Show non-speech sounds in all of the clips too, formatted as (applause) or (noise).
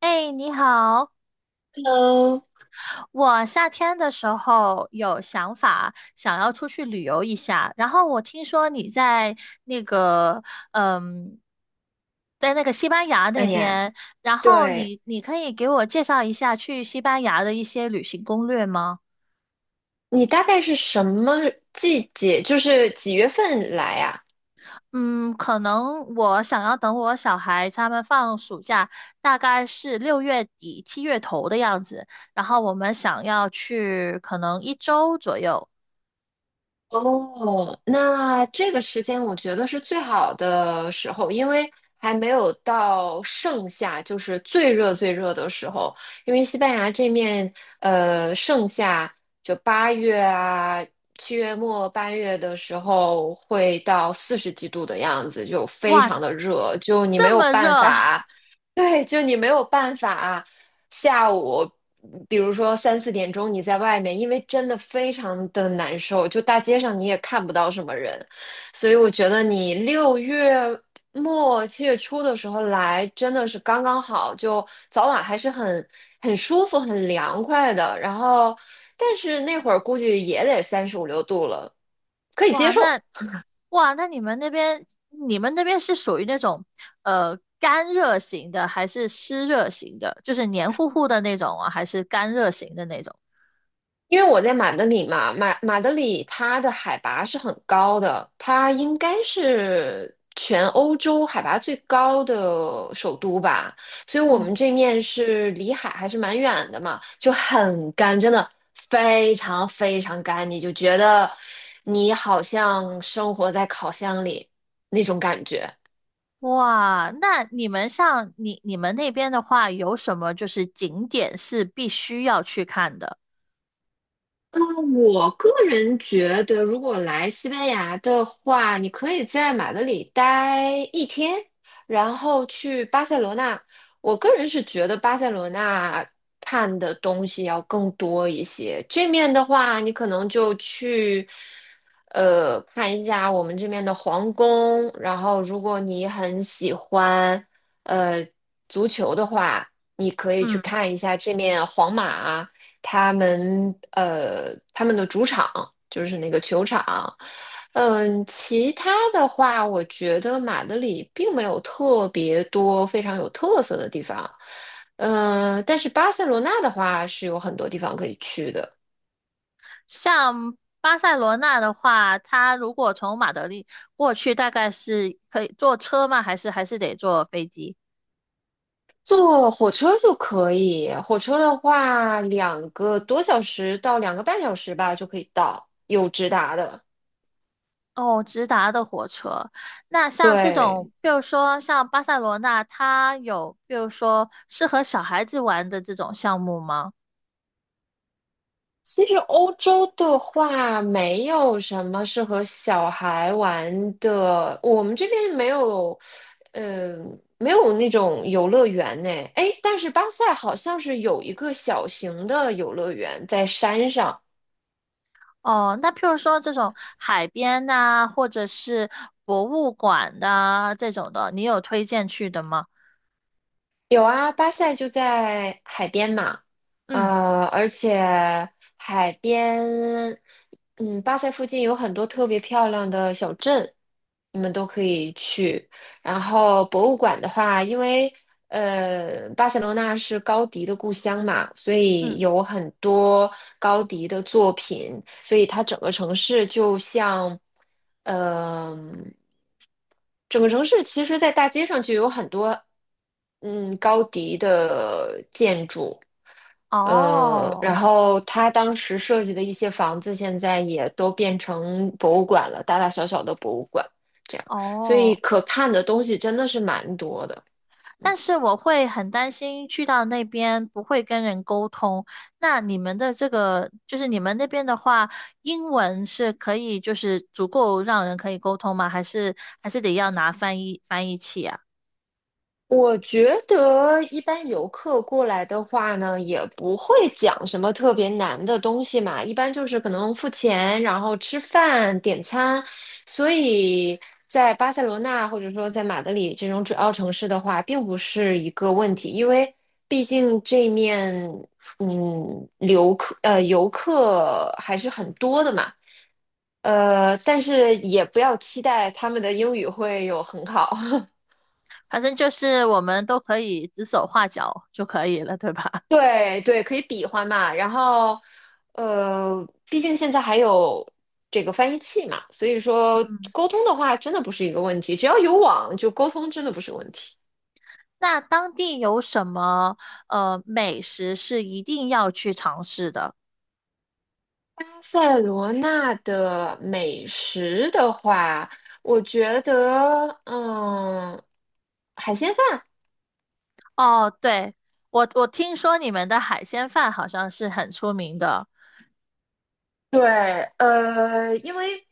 哎，你好！Hello，我夏天的时候有想法，想要出去旅游一下。然后我听说你那个，嗯，在那个西班牙哎那呀，边，然后对，你可以给我介绍一下去西班牙的一些旅行攻略吗？你大概是什么季节，就是几月份来呀？嗯，可能我想要等我小孩他们放暑假，大概是六月底七月头的样子，然后我们想要去可能一周左右。哦，那这个时间我觉得是最好的时候，因为还没有到盛夏，就是最热最热的时候。因为西班牙这面，盛夏就八月啊，7月末8月的时候会到40几度的样子，就非哇，常的热，就你没这有么热，办法啊，(laughs) 对，就你没有办法。下午，比如说三四点钟你在外面，因为真的非常的难受，就大街上你也看不到什么人，所以我觉得你6月末7月初的时候来真的是刚刚好，就早晚还是很舒服、很凉快的。然后，但是那会儿估计也得35、36度了，可以接哇，受。那哇，那你们那边是属于那种干热型的，还是湿热型的？就是黏糊糊的那种啊，还是干热型的那种？因为我在马德里嘛，马德里它的海拔是很高的，它应该是全欧洲海拔最高的首都吧，所以我嗯。们这面是离海还是蛮远的嘛，就很干，真的非常非常干，你就觉得你好像生活在烤箱里那种感觉。哇，那你们那边的话，有什么就是景点是必须要去看的？嗯，我个人觉得，如果来西班牙的话，你可以在马德里待一天，然后去巴塞罗那。我个人是觉得巴塞罗那看的东西要更多一些。这面的话，你可能就去，看一下我们这边的皇宫。然后，如果你很喜欢，呃，足球的话，你可以去嗯，看一下这面皇马。他们的主场就是那个球场。嗯，其他的话，我觉得马德里并没有特别多非常有特色的地方。嗯，但是巴塞罗那的话是有很多地方可以去的，像巴塞罗那的话，它如果从马德里过去，大概是可以坐车吗？还是得坐飞机？坐火车就可以。火车的话，2个多小时到2个半小时吧就可以到，有直达的。哦，直达的火车。那像这对，种，比如说像巴塞罗那，它有比如说适合小孩子玩的这种项目吗？其实欧洲的话，没有什么适合小孩玩的。我们这边没有，呃，没有那种游乐园呢。哎，但是巴塞好像是有一个小型的游乐园在山上，哦，那譬如说这种海边呐、或者是博物馆呐、这种的，你有推荐去的吗？有啊，巴塞就在海边嘛，嗯而且海边，嗯，巴塞附近有很多特别漂亮的小镇，你们都可以去。然后博物馆的话，因为巴塞罗那是高迪的故乡嘛，所嗯，以有很多高迪的作品，所以它整个城市就像，嗯、整个城市其实，在大街上就有很多，嗯，高迪的建筑，然哦后他当时设计的一些房子，现在也都变成博物馆了，大大小小的博物馆，这样，所以哦。可看的东西真的是蛮多的。但是我会很担心去到那边不会跟人沟通。那你们的这个，就是你们那边的话，英文是可以，就是足够让人可以沟通吗？还是得要拿翻译器啊？我觉得一般游客过来的话呢，也不会讲什么特别难的东西嘛，一般就是可能付钱，然后吃饭、点餐。所以在巴塞罗那或者说在马德里这种主要城市的话，并不是一个问题，因为毕竟这面游客还是很多的嘛，但是也不要期待他们的英语会有很好。(laughs) 反正就是我们都可以指手画脚就可以了，对吧？对对，可以比划嘛。然后，毕竟现在还有这个翻译器嘛，所以 (laughs) 说嗯。沟通的话，真的不是一个问题。只要有网，就沟通真的不是问题。那当地有什么美食是一定要去尝试的？巴塞罗那的美食的话，我觉得，海鲜饭哦，对，我听说你们的海鲜饭好像是很出名的。对，因为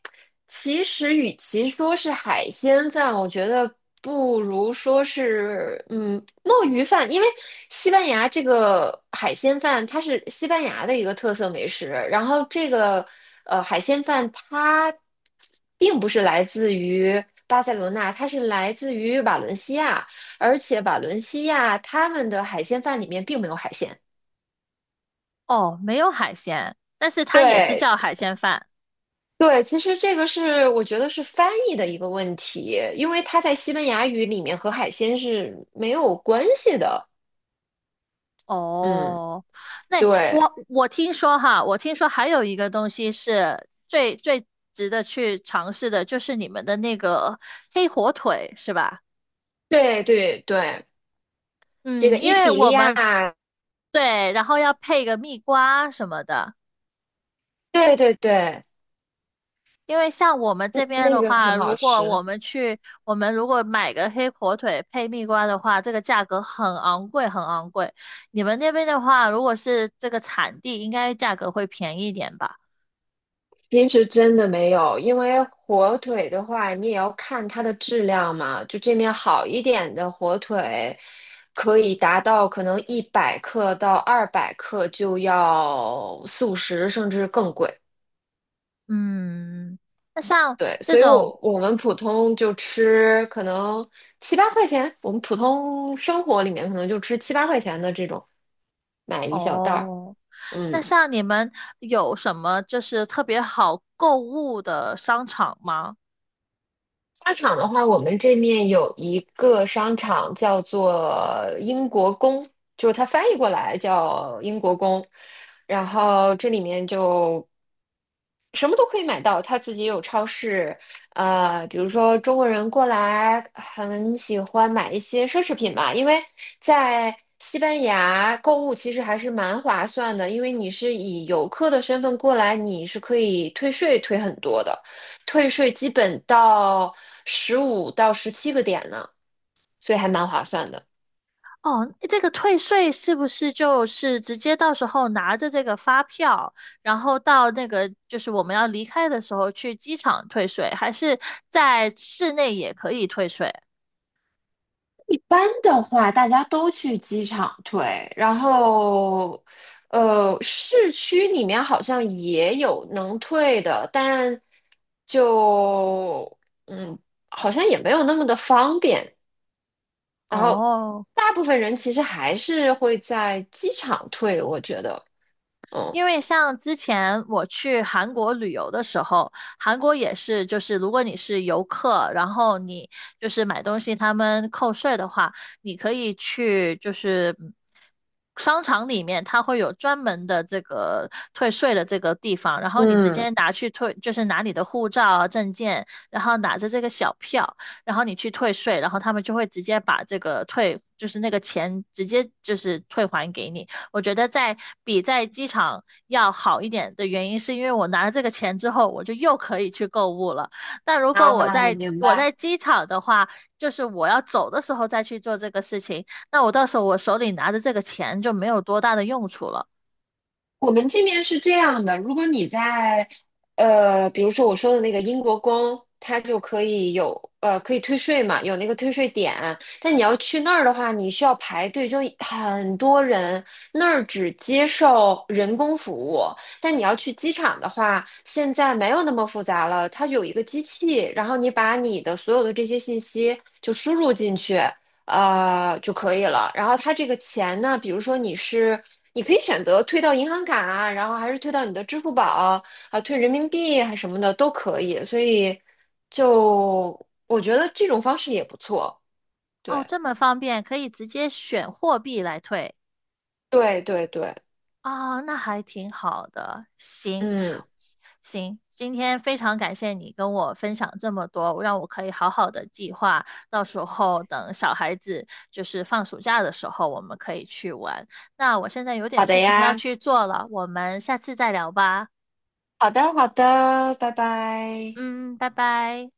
其实与其说是海鲜饭，我觉得不如说是墨鱼饭，因为西班牙这个海鲜饭它是西班牙的一个特色美食，然后这个海鲜饭它并不是来自于巴塞罗那，它是来自于瓦伦西亚，而且瓦伦西亚他们的海鲜饭里面并没有海鲜。哦，没有海鲜，但是它也是对叫海鲜饭。对，其实这个是我觉得是翻译的一个问题，因为它在西班牙语里面和海鲜是没有关系的。嗯，哦，那对，我我听说哈，我听说还有一个东西是最最值得去尝试的，就是你们的那个黑火腿，是吧？对对对，这个嗯，因伊为比利我们亚，对，然后要配个蜜瓜什么的。对对对，因为像我们这嗯，边那的个话，很好如果吃。我们去，我们如果买个黑火腿配蜜瓜的话，这个价格很昂贵，很昂贵。你们那边的话，如果是这个产地，应该价格会便宜一点吧？其实真的没有，因为火腿的话，你也要看它的质量嘛。就这面好一点的火腿，可以达到可能100克到200克就要四五十，甚至更贵。嗯，那像对，这所以种，我我们普通就吃可能七八块钱，我们普通生活里面可能就吃七八块钱的这种，买一小袋儿。哦，那嗯，像你们有什么就是特别好购物的商场吗？商场的话，我们这面有一个商场叫做英国宫，就是它翻译过来叫英国宫，然后这里面就什么都可以买到，他自己有超市，比如说中国人过来很喜欢买一些奢侈品吧，因为在西班牙购物其实还是蛮划算的，因为你是以游客的身份过来，你是可以退税退很多的，退税基本到15到17个点呢，所以还蛮划算的。哦，这个退税是不是就是直接到时候拿着这个发票，然后到那个就是我们要离开的时候去机场退税，还是在室内也可以退税？班的话，大家都去机场退，然后，市区里面好像也有能退的，但就嗯，好像也没有那么的方便。然后，哦。大部分人其实还是会在机场退，我觉得，嗯。因为像之前我去韩国旅游的时候，韩国也是，就是如果你是游客，然后你就是买东西，他们扣税的话，你可以去就是商场里面，它会有专门的这个退税的这个地方，然后你直接嗯，拿去退，就是拿你的护照啊、证件，然后拿着这个小票，然后你去退税，然后他们就会直接把这个退，就是那个钱直接就是退还给你。我觉得在比在机场要好一点的原因，是因为我拿了这个钱之后，我就又可以去购物了。但如果我啊，在明我白。在机场的话，就是我要走的时候再去做这个事情，那我到时候我手里拿着这个钱就没有多大的用处了。我们这边是这样的，如果你在比如说我说的那个英国宫，它就可以可以退税嘛，有那个退税点。但你要去那儿的话，你需要排队，就很多人。那儿只接受人工服务，但你要去机场的话，现在没有那么复杂了，它有一个机器，然后你把你的所有的这些信息就输入进去，就可以了。然后它这个钱呢，比如说你是，你可以选择退到银行卡啊，然后还是退到你的支付宝啊，退人民币还什么的都可以。所以就我觉得这种方式也不错。哦，对，这么方便，可以直接选货币来退。对，对，对，哦，那还挺好的。行，嗯，行，今天非常感谢你跟我分享这么多，让我可以好好的计划，到时候等小孩子就是放暑假的时候，我们可以去玩。那我现在有点好的事情要呀，去做了，我们下次再聊吧。好的，好的，拜拜。嗯，拜拜。